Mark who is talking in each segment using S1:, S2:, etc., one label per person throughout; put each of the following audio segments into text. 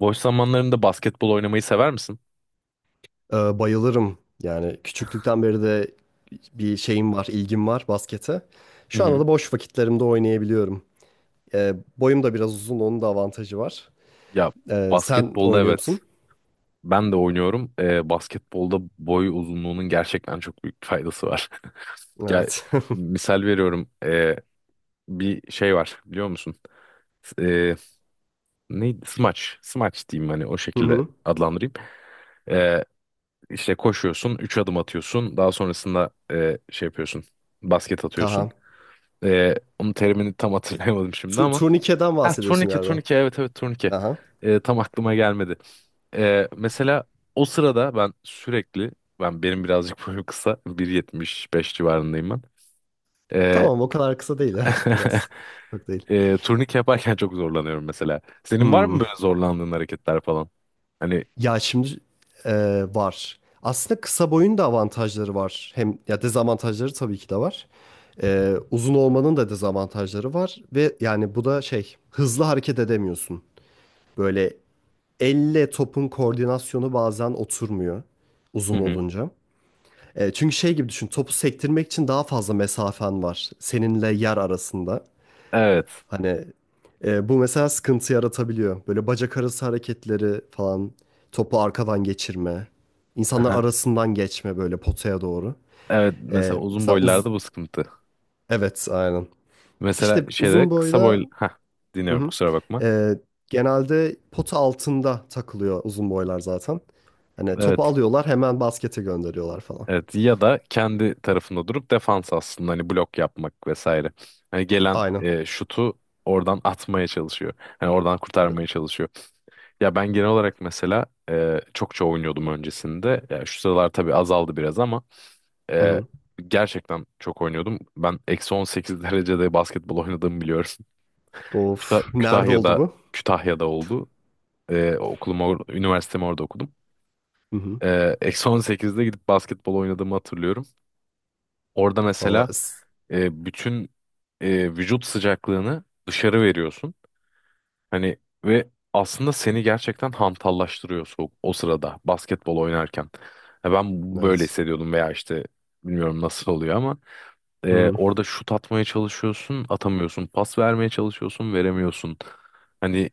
S1: Boş zamanlarında basketbol oynamayı sever misin?
S2: Bayılırım. Yani küçüklükten beri de bir şeyim var, ilgim var baskete.
S1: Hı
S2: Şu anda
S1: hı.
S2: da boş vakitlerimde oynayabiliyorum. Boyum da biraz uzun, onun da avantajı var.
S1: Ya
S2: Sen
S1: basketbolda,
S2: oynuyor
S1: evet.
S2: musun?
S1: Ben de oynuyorum. Basketbolda boy uzunluğunun gerçekten çok büyük faydası var. Ya,
S2: Evet.
S1: misal veriyorum. Bir şey var biliyor musun? Ee, Neydi? Smaç. Smaç diyeyim, hani o
S2: Hı
S1: şekilde
S2: hı.
S1: adlandırayım. Ee, işte koşuyorsun. Üç adım atıyorsun. Daha sonrasında şey yapıyorsun. Basket atıyorsun.
S2: Aha.
S1: Onun terimini tam hatırlayamadım şimdi ama
S2: Turnikeden
S1: ha,
S2: bahsediyorsun
S1: turnike
S2: galiba.
S1: turnike, evet evet, turnike.
S2: Aha.
S1: Tam aklıma gelmedi. Mesela o sırada benim birazcık boyum kısa, 1.75 civarındayım ben. Ee,
S2: Tamam, o kadar kısa değil ya. Biraz. Çok değil.
S1: turnike yaparken çok zorlanıyorum mesela. Senin var
S2: Hmm.
S1: mı böyle zorlandığın hareketler falan? Hani.
S2: Ya şimdi e, var. Aslında kısa boyun da avantajları var. Hem ya dezavantajları tabii ki de var. Uzun olmanın da dezavantajları var ve yani bu da şey hızlı hareket edemiyorsun. Böyle elle topun koordinasyonu bazen oturmuyor
S1: Hı
S2: uzun
S1: hı.
S2: olunca. Çünkü şey gibi düşün, topu sektirmek için daha fazla mesafen var seninle yer arasında.
S1: Evet.
S2: Hani bu mesela sıkıntı yaratabiliyor. Böyle bacak arası hareketleri falan, topu arkadan geçirme. İnsanlar
S1: Aha.
S2: arasından geçme böyle potaya doğru.
S1: Evet, mesela uzun
S2: Mesela uz
S1: boylarda bu sıkıntı.
S2: Evet, aynen.
S1: Mesela
S2: İşte
S1: şeyde
S2: uzun
S1: kısa
S2: boyda.
S1: boy, ha,
S2: Hı
S1: dinliyorum,
S2: hı.
S1: kusura bakma.
S2: Ee, Genelde pota altında takılıyor uzun boylar zaten. Hani
S1: Evet.
S2: topu alıyorlar, hemen baskete gönderiyorlar falan.
S1: Evet, ya da kendi tarafında durup defans, aslında hani blok yapmak vesaire. Hani gelen
S2: Aynen.
S1: şutu oradan atmaya çalışıyor. Hani oradan
S2: Evet.
S1: kurtarmaya çalışıyor. Ya ben genel olarak mesela çokça oynuyordum öncesinde. Ya şu sıralar tabii azaldı biraz ama
S2: Hı
S1: e,
S2: hı.
S1: gerçekten çok oynuyordum. Ben eksi 18 derecede basketbol oynadığımı biliyorum.
S2: Of, nerede oldu
S1: Kütahya'da,
S2: bu?
S1: Kütahya'da oldu. E, üniversitemi orada okudum.
S2: Hı hı.
S1: Eksi 18'de gidip basketbol oynadığımı hatırlıyorum. Orada
S2: Valla
S1: mesela
S2: s-
S1: bütün vücut sıcaklığını dışarı veriyorsun. Hani, ve aslında seni gerçekten hantallaştırıyor soğuk, o sırada basketbol oynarken. Ya ben böyle
S2: evet.
S1: hissediyordum, veya işte bilmiyorum nasıl oluyor ama
S2: Hı hı.
S1: orada şut atmaya çalışıyorsun, atamıyorsun. Pas vermeye çalışıyorsun, veremiyorsun. Hani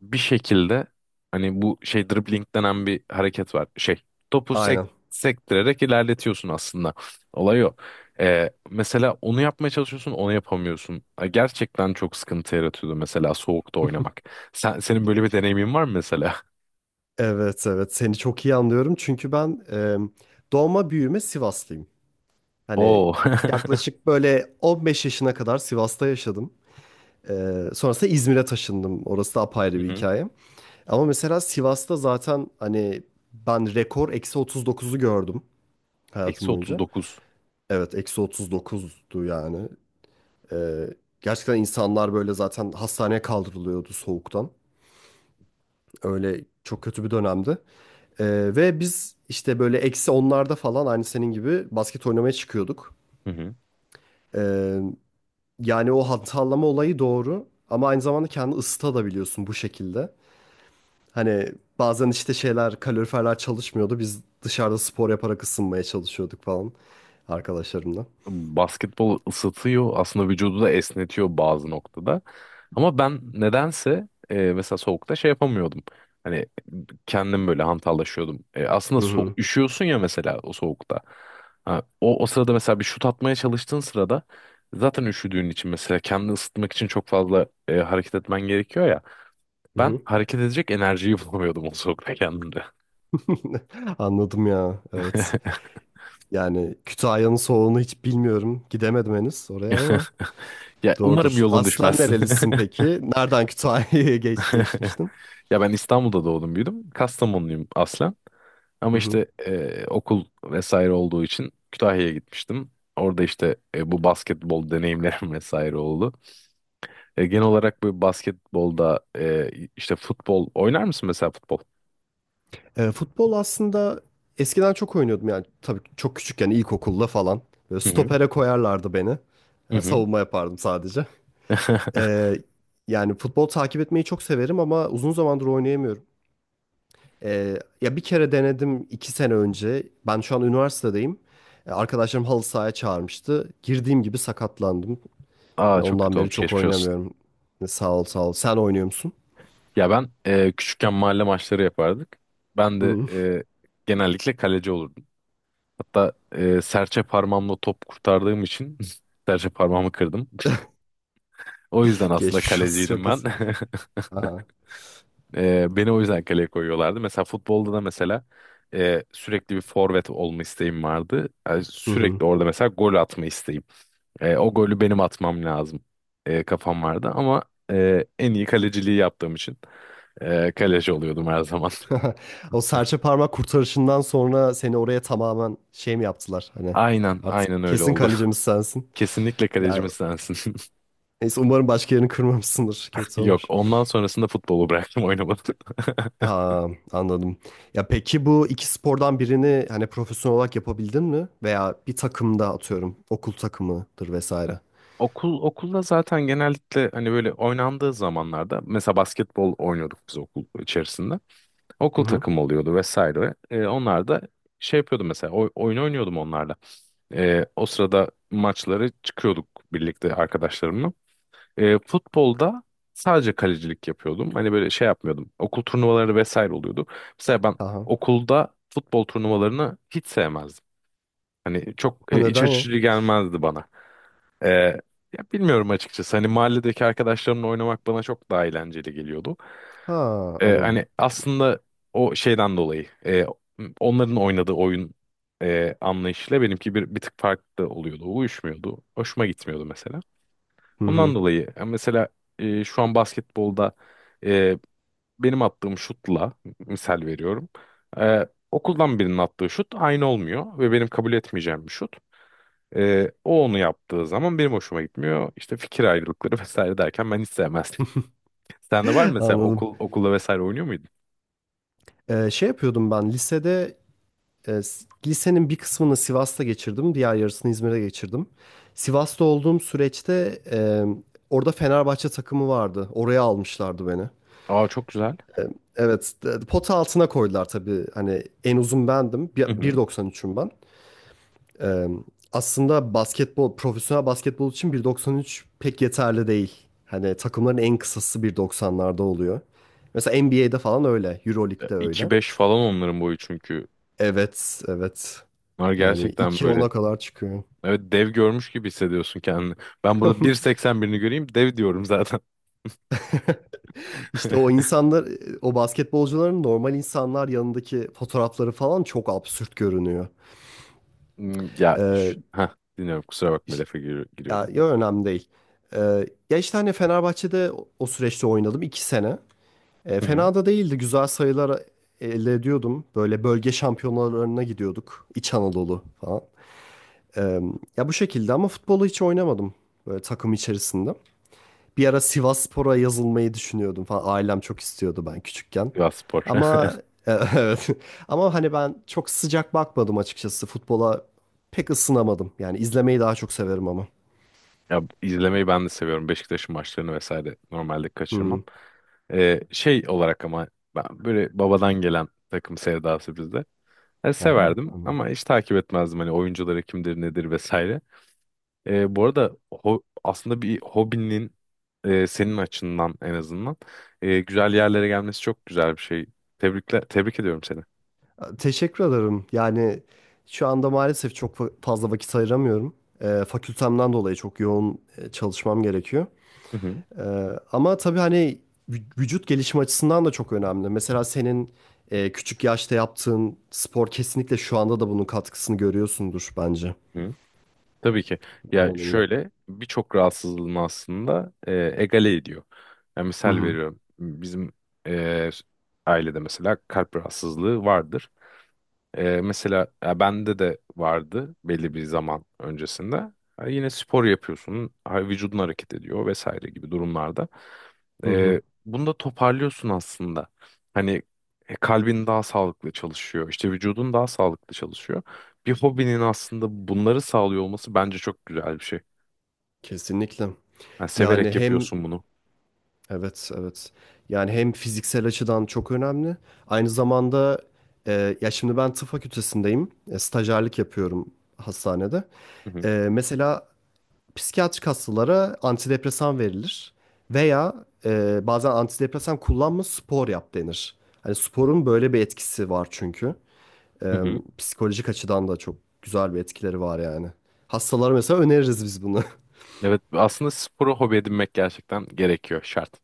S1: bir şekilde, hani bu şey dribbling denen bir hareket var. Şey, topu
S2: Aynen.
S1: sektirerek ilerletiyorsun aslında. Olay o. Mesela onu yapmaya çalışıyorsun, onu yapamıyorsun. Ha, gerçekten çok sıkıntı yaratıyordu mesela soğukta oynamak. Senin böyle bir deneyimin var mı mesela?
S2: Evet, evet, seni çok iyi anlıyorum çünkü ben doğma büyüme Sivaslıyım. Hani
S1: Oo.
S2: yaklaşık böyle 15 yaşına kadar Sivas'ta yaşadım. Sonrasında İzmir'e taşındım. Orası da
S1: Hı
S2: apayrı bir
S1: hı.
S2: hikaye. Ama mesela Sivas'ta zaten hani ben rekor eksi 39'u gördüm hayatım
S1: Eksi
S2: boyunca.
S1: 39.
S2: Evet, eksi 39'du yani. Ee, Gerçekten insanlar böyle zaten hastaneye kaldırılıyordu soğuktan. Öyle çok kötü bir dönemdi. Ve biz işte böyle eksi onlarda falan aynı senin gibi basket oynamaya çıkıyorduk.
S1: Hı hı.
S2: Ee, Yani o hatırlama olayı doğru. Ama aynı zamanda kendini ısıtabiliyorsun bu şekilde. Hani bazen işte şeyler, kaloriferler çalışmıyordu. Biz dışarıda spor yaparak ısınmaya çalışıyorduk falan, arkadaşlarımla.
S1: Basketbol ısıtıyor aslında vücudu, da esnetiyor bazı noktada. Ama ben nedense mesela soğukta şey yapamıyordum. Hani kendim böyle hantallaşıyordum. Aslında
S2: Hı hı.
S1: üşüyorsun ya mesela o soğukta. Ha, o sırada mesela bir şut atmaya çalıştığın sırada, zaten üşüdüğün için, mesela kendini ısıtmak için çok fazla hareket etmen gerekiyor ya.
S2: Hı
S1: Ben
S2: hı.
S1: hareket edecek enerjiyi bulamıyordum o soğukta kendimde.
S2: Anladım ya. Evet. Yani Kütahya'nın soğuğunu hiç bilmiyorum, gidemedim henüz oraya ama
S1: Ya umarım
S2: doğrudur.
S1: yolun
S2: Aslen
S1: düşmezsin.
S2: nerelisin peki? Nereden Kütahya'ya geçmiştin?
S1: Ya ben İstanbul'da doğdum, büyüdüm. Kastamonluyum aslen. Ama
S2: Hı hı.
S1: işte okul vesaire olduğu için Kütahya'ya gitmiştim. Orada işte bu basketbol deneyimlerim vesaire oldu. Genel olarak bu basketbolda, işte futbol oynar mısın mesela, futbol?
S2: Futbol aslında eskiden çok oynuyordum, yani tabii çok küçükken, ilkokulda falan. Böyle
S1: Hı hı.
S2: stopere koyarlardı beni.
S1: Hı
S2: Yani
S1: hı.
S2: savunma yapardım sadece. Ee, Yani futbol takip etmeyi çok severim ama uzun zamandır oynayamıyorum. Ee, Ya bir kere denedim 2 sene önce. Ben şu an üniversitedeyim. Arkadaşlarım halı sahaya çağırmıştı. Girdiğim gibi sakatlandım.
S1: Aa,
S2: Yani
S1: çok
S2: ondan
S1: kötü
S2: beri
S1: olmuş,
S2: çok
S1: geçmiş olsun.
S2: oynamıyorum. Sağ ol, sağ ol. Sen oynuyor musun?
S1: Ya ben küçükken mahalle maçları yapardık. Ben de
S2: Hı.
S1: genellikle kaleci olurdum. Hatta serçe parmağımla top kurtardığım için serçe parmağımı kırdım. O yüzden aslında
S2: Geçmiş olsun,
S1: kaleciydim
S2: çok kötü.
S1: ben.
S2: Aha.
S1: Beni o yüzden kaleye koyuyorlardı. Mesela futbolda da mesela sürekli bir forvet olma isteğim vardı. Yani
S2: Hı hı.
S1: sürekli orada mesela gol atma isteğim. O golü benim atmam lazım, kafam vardı ama en iyi kaleciliği yaptığım için kaleci oluyordum her zaman.
S2: O serçe parmak kurtarışından sonra seni oraya tamamen şey mi yaptılar? Hani
S1: Aynen,
S2: artık
S1: aynen öyle
S2: kesin
S1: oldu.
S2: kalecimiz sensin.
S1: Kesinlikle
S2: Ya
S1: kalecimiz sensin.
S2: neyse, umarım başka yerini kırmamışsındır. Kötü
S1: Yok,
S2: olmuş.
S1: ondan sonrasında futbolu bıraktım, oynamadım.
S2: Ha, anladım. Ya peki, bu iki spordan birini hani profesyonel olarak yapabildin mi? Veya bir takımda, atıyorum, okul takımıdır vesaire.
S1: Okulda zaten genellikle, hani böyle oynandığı zamanlarda, mesela basketbol oynuyorduk biz okul içerisinde.
S2: Hı
S1: Okul
S2: hı.
S1: takımı oluyordu vesaire. Onlar da şey yapıyordu, mesela oyun oynuyordum onlarla. O sırada maçları çıkıyorduk birlikte arkadaşlarımla. Futbolda sadece kalecilik yapıyordum. Hani böyle şey yapmıyordum. Okul turnuvaları vesaire oluyordu. Mesela ben
S2: Aha.
S1: okulda futbol turnuvalarını hiç sevmezdim. Hani çok
S2: Ha,
S1: iç
S2: neden ya?
S1: açıcı gelmezdi bana. E, Ya bilmiyorum açıkçası. Hani mahalledeki arkadaşlarımla oynamak bana çok daha eğlenceli geliyordu.
S2: Ha, anladım.
S1: Hani aslında o şeyden dolayı onların oynadığı oyun anlayışıyla benimki bir tık farklı oluyordu. Uyuşmuyordu. Hoşuma gitmiyordu mesela.
S2: Hı
S1: Ondan
S2: hı.
S1: dolayı ya mesela şu an basketbolda e, benim attığım şutla, misal veriyorum. Okuldan birinin attığı şut aynı olmuyor ve benim kabul etmeyeceğim bir şut. O onu yaptığı zaman benim hoşuma gitmiyor. İşte fikir ayrılıkları vesaire derken ben hiç sevmezdim. Sende var mı mesela,
S2: Anladım.
S1: okulda vesaire oynuyor muydun?
S2: Şey yapıyordum ben lisede lisenin bir kısmını Sivas'ta geçirdim. Diğer yarısını İzmir'de geçirdim. Sivas'ta olduğum süreçte orada Fenerbahçe takımı vardı. Oraya almışlardı beni.
S1: Aa, çok güzel.
S2: Evet, pota altına koydular tabii. Hani en uzun bendim.
S1: Hı hı.
S2: 1.93'üm ben. Ee, Aslında basketbol, profesyonel basketbol için 1.93 pek yeterli değil. Hani takımların en kısası 1.90'larda oluyor. Mesela NBA'de falan öyle,
S1: E,
S2: EuroLeague'de öyle.
S1: 2-5 falan onların boyu çünkü.
S2: Evet, evet.
S1: Bunlar
S2: Yani
S1: gerçekten
S2: iki
S1: böyle,
S2: ona kadar çıkıyor.
S1: evet, dev görmüş gibi hissediyorsun kendini. Ben burada 1.81'i göreyim dev diyorum zaten.
S2: İşte o insanlar, o basketbolcuların normal insanlar yanındaki fotoğrafları falan çok absürt görünüyor.
S1: Hmm, ya
S2: Ee,
S1: heh, dinliyorum, kusura bakma, lafa
S2: Ya,
S1: giriyordum.
S2: yo, önemli değil. Ee, Ya işte hani Fenerbahçe'de o süreçte oynadım 2 sene.
S1: Hı hı.
S2: Fena da değildi. Güzel sayılar elde ediyordum. Böyle bölge şampiyonalarına gidiyorduk, İç Anadolu falan. Ee, Ya bu şekilde, ama futbolu hiç oynamadım, böyle takım içerisinde. Bir ara Sivasspor'a yazılmayı düşünüyordum falan. Ailem çok istiyordu ben küçükken.
S1: Sivas Spor.
S2: Ama evet. Ama hani ben çok sıcak bakmadım açıkçası, futbola pek ısınamadım. Yani izlemeyi daha çok severim ama.
S1: Ya izlemeyi ben de seviyorum. Beşiktaş'ın maçlarını vesaire normalde kaçırmam.
S2: Hı.
S1: Şey olarak ama ben böyle babadan gelen takım sevdası bizde. Yani
S2: Aha.
S1: severdim ama hiç takip etmezdim hani oyuncuları kimdir nedir vesaire. Bu arada aslında bir hobinin senin açından en azından güzel yerlere gelmesi çok güzel bir şey. Tebrikler, tebrik ediyorum seni.
S2: Teşekkür ederim. Yani şu anda maalesef çok fazla vakit ayıramıyorum. Fakültemden dolayı çok yoğun çalışmam gerekiyor.
S1: Hı hı.
S2: Ee, Ama tabii hani vücut gelişimi açısından da çok önemli. Mesela senin küçük yaşta yaptığın spor, kesinlikle şu anda da bunun katkısını görüyorsundur bence.
S1: Tabii ki. Ya
S2: Bundan eminim.
S1: şöyle, birçok rahatsızlığını aslında egale ediyor. Yani
S2: Hı
S1: misal
S2: hı.
S1: veriyorum. Bizim e, ailede mesela kalp rahatsızlığı vardır. Mesela ya bende de vardı belli bir zaman öncesinde. Ha, yine spor yapıyorsun, ha, vücudun hareket ediyor vesaire gibi durumlarda.
S2: Hı hı.
S1: Bunu da toparlıyorsun aslında. Hani kalbin daha sağlıklı çalışıyor, işte vücudun daha sağlıklı çalışıyor. Bir hobinin aslında bunları sağlıyor olması bence çok güzel bir şey.
S2: Kesinlikle.
S1: Yani
S2: Yani
S1: severek
S2: hem.
S1: yapıyorsun bunu.
S2: Evet, evet. Yani hem fiziksel açıdan çok önemli. Aynı zamanda ya şimdi ben tıp fakültesindeyim. Stajyerlik yapıyorum hastanede.
S1: Hı hı.
S2: Mesela psikiyatrik hastalara antidepresan verilir. Veya bazen antidepresan kullanma, spor yap denir. Hani sporun böyle bir etkisi var çünkü.
S1: Hı
S2: E,
S1: hı.
S2: Psikolojik açıdan da çok güzel bir etkileri var yani. Hastalara mesela öneririz biz bunu.
S1: Evet, aslında sporu hobi edinmek gerçekten gerekiyor, şart.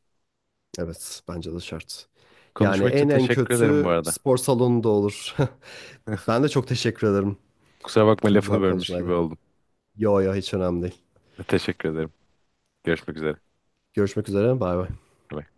S2: Evet, bence de şart. Yani
S1: Konuşma için
S2: en en
S1: teşekkür ederim bu
S2: kötü
S1: arada.
S2: spor salonunda olur. Ben de çok teşekkür ederim.
S1: Kusura bakma,
S2: Çok güzel
S1: lafını
S2: bir
S1: bölmüş gibi
S2: konuşmaydı.
S1: oldum.
S2: Yo, yo, hiç önemli değil.
S1: Teşekkür ederim. Görüşmek üzere.
S2: Görüşmek üzere. Bay bay.
S1: Bye.